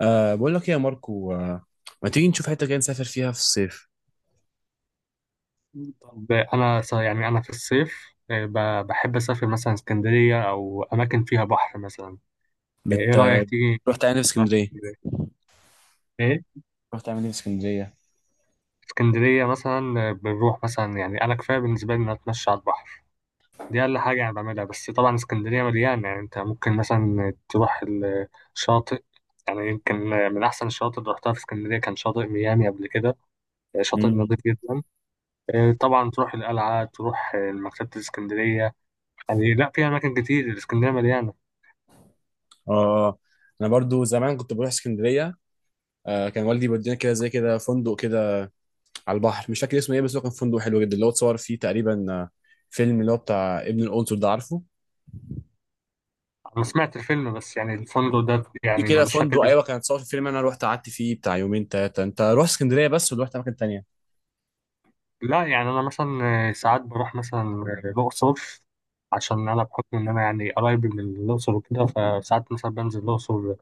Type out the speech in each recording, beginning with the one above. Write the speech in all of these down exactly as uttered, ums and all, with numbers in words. أه بقول لك ايه يا ماركو أه ما تيجي نشوف حته كده نسافر فيها في الصيف؟ طب انا ص- يعني انا في الصيف، آه، ب- بحب اسافر مثلا اسكندريه او اماكن فيها بحر مثلا. آه، ايه بت رايك تيجي رحت تعمل إيه في نروح اسكندريه؟ اسكندرية؟ ايه، رحت تعمل ايه في اسكندريه؟ اسكندريه مثلا آه، بنروح مثلا، يعني انا كفايه بالنسبه لي ان أنا اتمشى على البحر. دي اقل حاجه انا بعملها، بس طبعا اسكندريه مليانه، يعني انت ممكن مثلا تروح الشاطئ. يعني يمكن من احسن الشواطئ اللي رحتها في اسكندريه كان شاطئ ميامي قبل كده. آه، شاطئ نظيف امم. جدا. آه، طبعا تروح القلعه، تروح آه، مكتبه الاسكندريه. يعني لا، في اماكن كتير، الاسكندريه مليانه. اه، انا برضو زمان كنت بروح اسكندريه. أه كان والدي بيودينا كده زي كده فندق كده على البحر، مش فاكر اسمه ايه، بس هو كان فندق حلو جدا اللي هو اتصور فيه تقريبا، آه، فيلم اللي هو بتاع ابن القنصل ده، عارفه؟ انا سمعت الفيلم، بس يعني الفندق ده في يعني كده مش فاكر فندق، ايوه اسمه. كان اتصور في فيلم، انا رحت قعدت فيه بتاع يومين ثلاثه. انت روح اسكندريه بس ولا رحت اماكن تانيه؟ لا، يعني انا مثلا ساعات بروح مثلا الاقصر، عشان انا بحكم ان انا يعني قرايب من الاقصر وكده، فساعات مثلا بنزل الاقصر،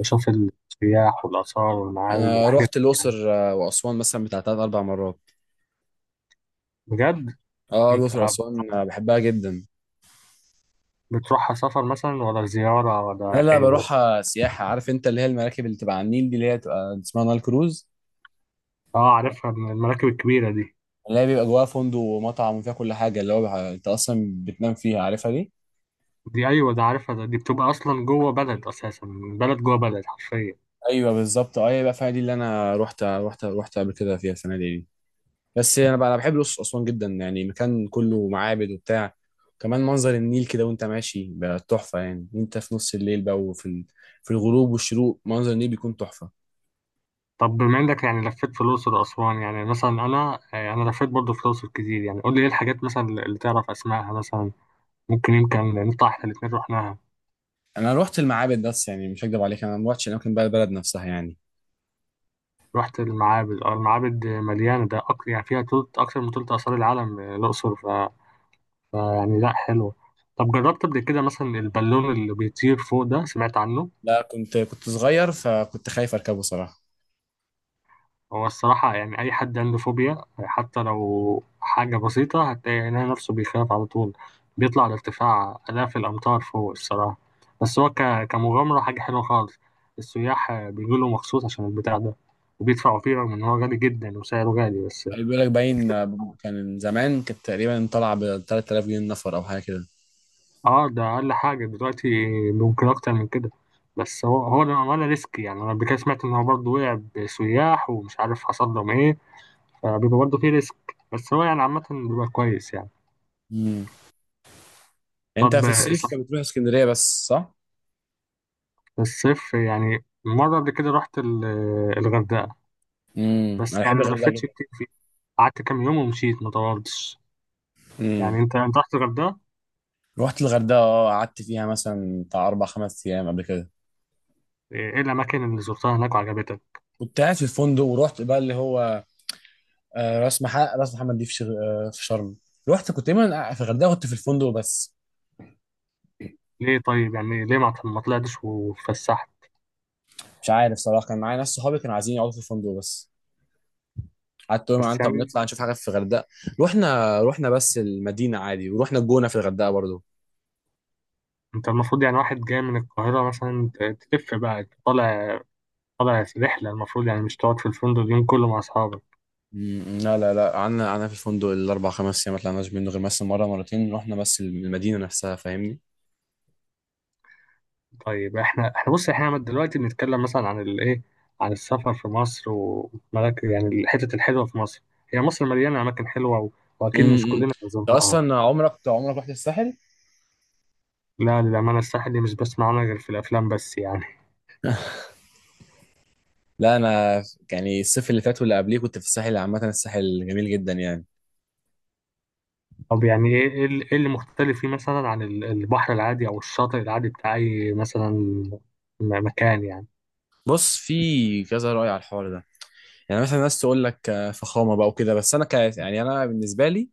بشوف السياح والاثار والمعابد انا والحاجات رحت دي الاقصر يعني. آه، واسوان مثلا بتاع ثلاث اربع مرات. بجد؟ اه انت الأقصر وأسوان، آه، بحبها جدا. بتروحها سفر مثلا ولا زياره لا ولا لا، ايه بس؟ بروح سياحة. عارف انت اللي هي المراكب اللي تبقى على النيل دي، اللي هي تبقى اسمها نايل كروز، اه، عارفها، من المراكب الكبيره دي. اللي هي بيبقى جواها فندق ومطعم وفيها كل حاجة، اللي هو بح- انت اصلا بتنام فيها، عارفها دي؟ دي ايوه ده عارفها، ده دي بتبقى اصلا جوه بلد اساسا، بلد جوه بلد حرفيا. ايوه بالظبط. اه يبقى فيها دي اللي انا رحت رحت رحت قبل كده فيها الفنادق دي. بس انا بقى انا بحب الأقصر وأسوان جدا، يعني مكان كله معابد وبتاع. كمان منظر النيل كده وانت ماشي بقى تحفة يعني، وانت في نص الليل بقى وفي ال... في الغروب والشروق منظر النيل بيكون تحفة. طب بما انك يعني لفيت في الاقصر واسوان، يعني مثلا انا آه، انا لفيت برضه في الاقصر كتير، يعني قول لي ايه الحاجات مثلا اللي تعرف اسمائها مثلا. ممكن يمكن نطلع احنا الاثنين رحناها. انا روحت المعابد بس، يعني مش هكدب عليك انا ما روحتش الاماكن بقى البلد نفسها يعني. رحت المعابد، اه المعابد مليانه، ده اكتر يعني، فيها تلت، اكتر من تلت اثار العالم، آه، الاقصر ف... ف يعني لا حلو. طب جربت قبل كده مثلا البالون اللي بيطير فوق ده؟ سمعت عنه؟ لا كنت كنت صغير فكنت خايف اركبه صراحه. هو الصراحة يعني أي حد عنده فوبيا حتى لو حاجة بسيطة هتلاقي عينيه نفسه بيخاف على طول، بيطلع لارتفاع آلاف الأمتار فوق الصراحة. بس هو ك... كمغامرة حاجة حلوة خالص. السياح بيجوا مخصوص عشان البتاع ده، وبيدفعوا فيه رغم إن هو غالي جدا وسعره غالي بس. بيقول لك باين، آه، كان زمان كانت تقريبا طالعه ب تلات آلاف جنيه النفر او حاجه كده. اه ده أقل حاجة دلوقتي، ممكن أكتر من كده. بس هو هو للأمانة ريسك، يعني أنا قبل كده سمعت إن هو برضه وقع بسياح ومش عارف حصل لهم إيه، فبيبقى برضه فيه ريسك. بس هو يعني عامة بيبقى كويس يعني. امم. طب انت في الصيف صف، بتروح اسكندريه بس، صح؟ الصيف يعني مرة قبل كده رحت ال- الغردقة، امم، بس انا بحب يعني ما الغردقه لفتش جدا. كتير فيه، قعدت كام يوم ومشيت ما طولتش. يعني امم. انت انت رحت الغردقة؟ رحت الغردقه، اه قعدت فيها مثلا بتاع اربع خمس ايام قبل كده. ايه الأماكن اللي زرتها هناك وعجبتك؟ كنت قاعد في الفندق ورحت بقى اللي هو، آه، راس محمد. راس محمد دي في شغ- آه، في شرم. رحت كنت دايما في الغردقه، كنت في الفندق بس. ليه؟ طيب يعني ليه ما ما طلعتش واتفسحت؟ مش عارف صراحه، كان معايا ناس صحابي كانوا عايزين يقعدوا في الفندق بس. قعدت اقول معاهم بس طب يعني نطلع نشوف حاجه في الغردقه. رحنا رحنا بس المدينه عادي، ورحنا الجونه في الغردقه برضو. انت المفروض، يعني واحد جاي من القاهرة مثلا ت- تلف بقى طالع، طالع رحلة، المفروض يعني مش تقعد في الفندق اليوم كله مع أصحابك. م- لا لا لا، قعدنا قعدنا في الفندق الاربع خمس ايام، ما طلعناش منه غير مثلا مره مرتين رحنا بس المدينه نفسها، فاهمني؟ طيب احنا احنا بص، احنا دلوقتي بنتكلم مثلا عن الايه، عن السفر في مصر وملاك يعني الحتت الحلوه في مصر. هي مصر مليانه اماكن حلوه و... واكيد مش امم. كلنا انت زرناها. اصلا عمرك عمرك رحت الساحل؟ لا، للامانه الساحل دي مش بسمع عنها غير في الافلام بس يعني. لا انا، يعني الصيف اللي فات واللي قبليه كنت في الساحل، عامه الساحل جميل جدا يعني. طب يعني ايه ايه ال- إيه اللي مختلف فيه مثلا عن ال- البحر العادي او الشاطئ العادي بتاع اي مثلا م- مكان يعني. بص، في كذا رأي على الحوار ده. يعني مثلا ناس تقول لك آه، فخامه بقى وكده، بس انا ك يعني انا بالنسبه لي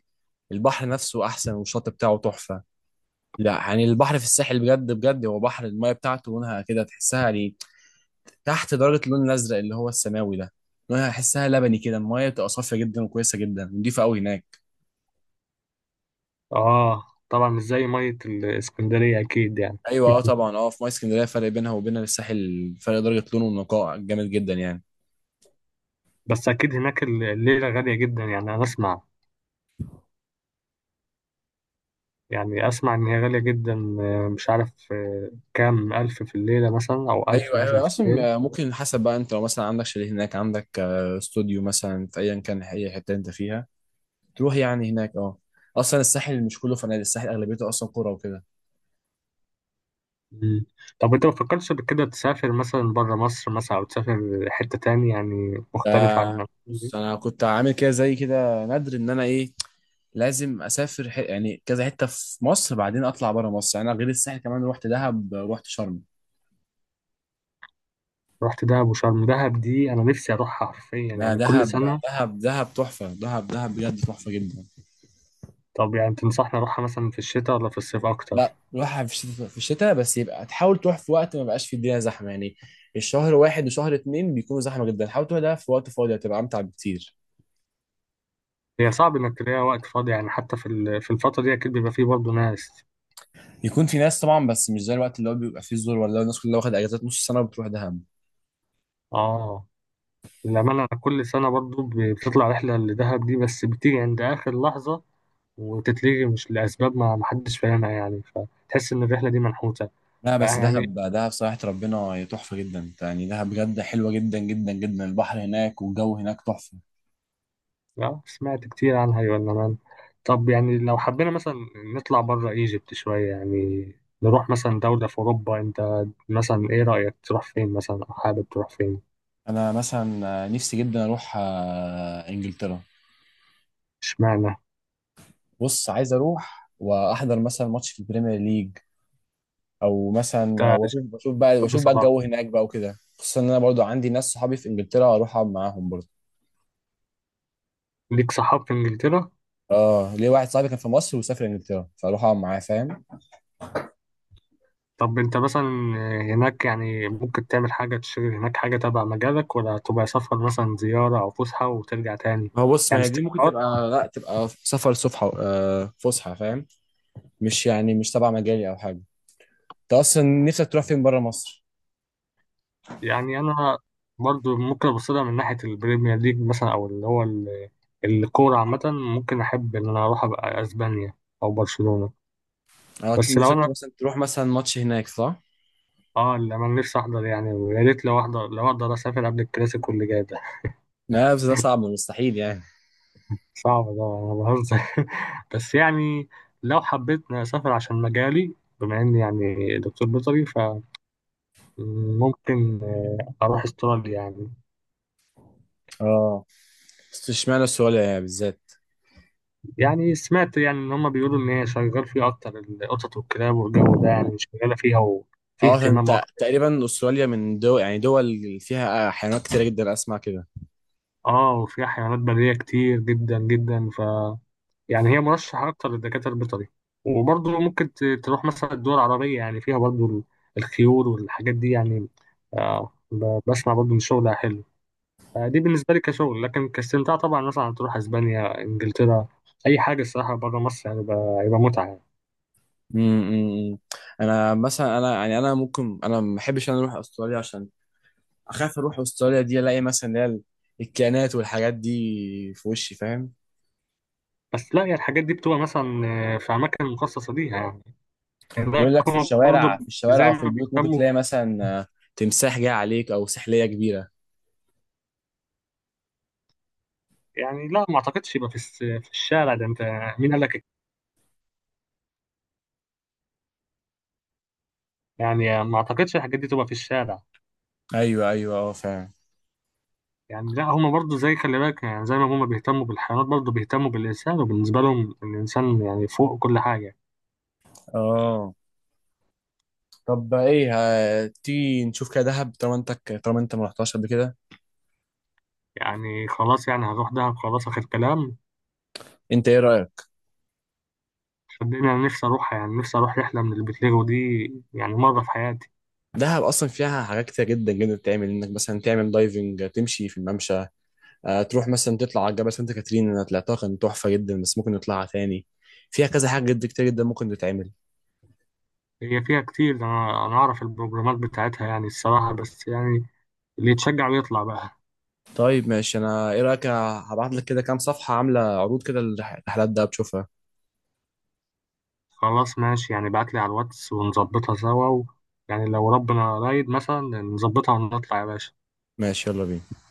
البحر نفسه احسن والشط بتاعه تحفه. لا يعني البحر في الساحل بجد بجد هو بحر، المايه بتاعته لونها كده تحسها يعني تحت درجه اللون الازرق اللي هو السماوي ده. لونها احسها لبني كده، المايه بتبقى صافيه جدا وكويسه جدا، نضيفه قوي هناك. اه طبعا مش زي ميه الاسكندريه اكيد يعني. ايوه اه طبعا، اه في ميه اسكندريه فرق بينها وبين الساحل، فرق درجه لون ونقاء جامد جدا يعني. بس اكيد هناك الليله غاليه جدا، يعني انا اسمع، يعني أسمع إن هي غالية جدا، آه، مش عارف آه، كام ألف في الليلة مثلا أو ألف ايوه، ايوه، مثلا أيوة. في الليل. اصلا ممكن حسب بقى، انت لو مثلا عندك شاليه هناك، عندك آه، استوديو مثلا، في ايا كان اي حته انت فيها تروح يعني هناك. اه اصلا الساحل مش كله فنادق، الساحل اغلبيته اصلا قرى وكده. مم. طب أنت ما فكرتش قبل كده تسافر مثلا برا مصر، مثلا أو تسافر حتة تاني يعني مختلف عن ده المكان دي؟ بص، انا كنت عامل كده زي كده ندر ان انا ايه، لازم اسافر ح... يعني كذا حته في مصر بعدين اطلع بره مصر. يعني انا غير الساحل كمان رحت دهب، رحت شرم. رحت دهب وشرم؟ دهب دي أنا نفسي أروحها حرفيا لا يعني كل دهب، سنة. دهب دهب تحفه، دهب دهب بجد تحفه جدا. طب يعني تنصحني أروحها مثلا في الشتاء ولا في الصيف أكتر؟ لا روحها في الشتاء، في الشتاء بس يبقى تحاول تروح في وقت ما بقاش في الدنيا زحمه يعني. الشهر واحد وشهر اتنين بيكونوا زحمه جدا، حاول تروح ده في وقت فاضي هتبقى امتع بكتير. هي صعب إنك تلاقي وقت فاضي، يعني حتى في ال- في الفترة دي أكيد بيبقى فيه برضه ناس. يكون في ناس طبعا بس مش زي الوقت اللي هو بيبقى فيه الزور، ولا الناس كلها واخد اجازات نص سنه وبتروح دهب. آه للأمانة أنا كل سنة برضه بتطلع رحلة لدهب دي، بس بتيجي عند آخر لحظة وتتلغي مش لأسباب، ما ما حدش فاهمها، يعني فتحس إن الرحلة دي منحوتة لا بقى بس دهب، يعني. دهب صراحة ربنا هي تحفة جدا يعني، دهب بجد حلوة جدا جدا جدا، البحر هناك والجو هناك تحفة. آه، سمعت كتير عنها يا مان. طب يعني لو حبينا مثلا نطلع بره ايجيبت شوية يعني، نروح مثلا دولة في أوروبا، أنت مثلا إيه رأيك تروح فين مثلا أو حابب تروح فين؟ أنا مثلا نفسي جدا أروح آه، إنجلترا. اشمعنى؟ بص، عايز أروح وأحضر مثلا ماتش في البريمير ليج، أو أنت مثلا وأشوف بشوف بقى شاب وأشوف بقى صلاح، الجو هناك بقى وكده، خصوصا إن أنا برضو عندي ناس صحابي في إنجلترا، أروح أقعد معاهم برضو. ليك صحاب في إنجلترا؟ اه ليه، واحد صاحبي كان في مصر وسافر انجلترا، فاروح اقعد معاه، فاهم. طب أنت مثلا هناك يعني ممكن تعمل حاجة، تشتغل هناك حاجة تبع مجالك ولا تبقى سفر مثلا زيارة أو فسحة وترجع تاني؟ هو بص، ما يعني هي دي ممكن استقرار. تبقى لا تبقى سفر، صفحة آه، فسحة، فاهم؟ مش يعني مش تبع مجالي او حاجة. انت اصلا نفسك تروح فين بره مصر؟ يعني انا برضو ممكن ابص لها من ناحيه البريمير ليج مثلا، او اللي هو ال- الكوره عامه، ممكن احب ان انا اروح ابقى اسبانيا او برشلونه. اه، بس لو نفسك انا تروح مثلا تروح مثلا ماتش هناك، صح؟ اه اللي انا نفسي احضر، يعني يا ريت لو احضر، لو اقدر اسافر قبل الكلاسيكو اللي جاي ده. لا بس ده صعب مستحيل يعني. صعب، ده انا بهزر. بس يعني لو حبيت إني اسافر عشان مجالي بما اني يعني دكتور بيطري، فممكن آه، اروح استراليا يعني. اه، بس اشمعنى استراليا يعني بالذات؟ يعني سمعت، يعني ان هم بيقولوا ان هي شغال فيه اكتر القطط والكلاب والجو ده يعني، شغاله فيها وفيه اه عشان اهتمام انت اكتر. تقريبا استراليا من دول، يعني دول فيها حيوانات كتيرة جدا، اسمع كده. اه وفيها حيوانات بريه كتير جدا جدا، ف يعني هي مرشحه اكتر للدكاتره البيطري. وبرضه ممكن ت- تروح مثلا الدول العربيه، يعني فيها برضه ال- الخيول والحاجات دي يعني. آه ب- بسمع برضه ان شغلها حلو. آه دي بالنسبه لي كشغل، لكن كاستمتاع طبعا مثلا تروح اسبانيا، انجلترا، اي حاجه الصراحه بره مصر يعني بقى- هيبقى متعه يعني. امم. انا مثلا انا يعني انا ممكن انا ما بحبش انا اروح استراليا عشان اخاف اروح استراليا دي الاقي مثلا اللي هي ال- الكائنات والحاجات دي في وشي، فاهم؟ بس لا، هي الحاجات دي بتبقى مثلا آه، في أماكن مخصصة ليها، يعني لا بيقول لك في كوما الشوارع، برضه، في الشوارع زي او في ما البيوت ممكن بيهتموا تلاقي بال... مثلا، آه، تمساح جاي عليك او سحلية كبيرة. يعني لا، ما أعتقدش يبقى في الس- في الشارع ده، أنت مين قال لك؟ يعني ما أعتقدش الحاجات دي تبقى في الشارع. ايوه ايوه اه فعلا. يعني لا، هما برضه زي خلي بالك، يعني زي ما هما بيهتموا بالحيوانات برضه بيهتموا بالإنسان، وبالنسبة لهم الإنسان يعني فوق كل حاجة. اه طب بقى ايه، ه- تيجي نشوف كده دهب طالما انت، طالما انت ما رحتهاش قبل كده. يعني خلاص، يعني هروح دهب خلاص، آخر كلام. انت ايه رايك؟ صدقني أنا نفسي أروح، يعني نفسي أروح رحلة من البتليجو دي، يعني مرة في حياتي. دهب اصلا فيها حاجات كتير جدا جدا بتتعمل، انك مثلا تعمل دايفنج، تمشي في الممشى، آه، تروح مثلا تطلع على جبل سانت كاترين. انا طلعتها كان تحفه جدا، بس ممكن نطلعها تاني. فيها كذا حاجه جدا كتير جدا ممكن تتعمل. هي فيها كتير ده، انا انا اعرف البروجرامات بتاعتها يعني الصراحه، بس يعني اللي يتشجع ويطلع بقى. طيب ماشي، انا ايه رايك هبعت لك كده كام صفحه عامله عروض كده لرحلات دهب تشوفها؟ خلاص ماشي، يعني بعتلي على الواتس ونظبطها سوا و... يعني لو ربنا رايد مثلا نظبطها ونطلع يا باشا. ماشي يلا بينا.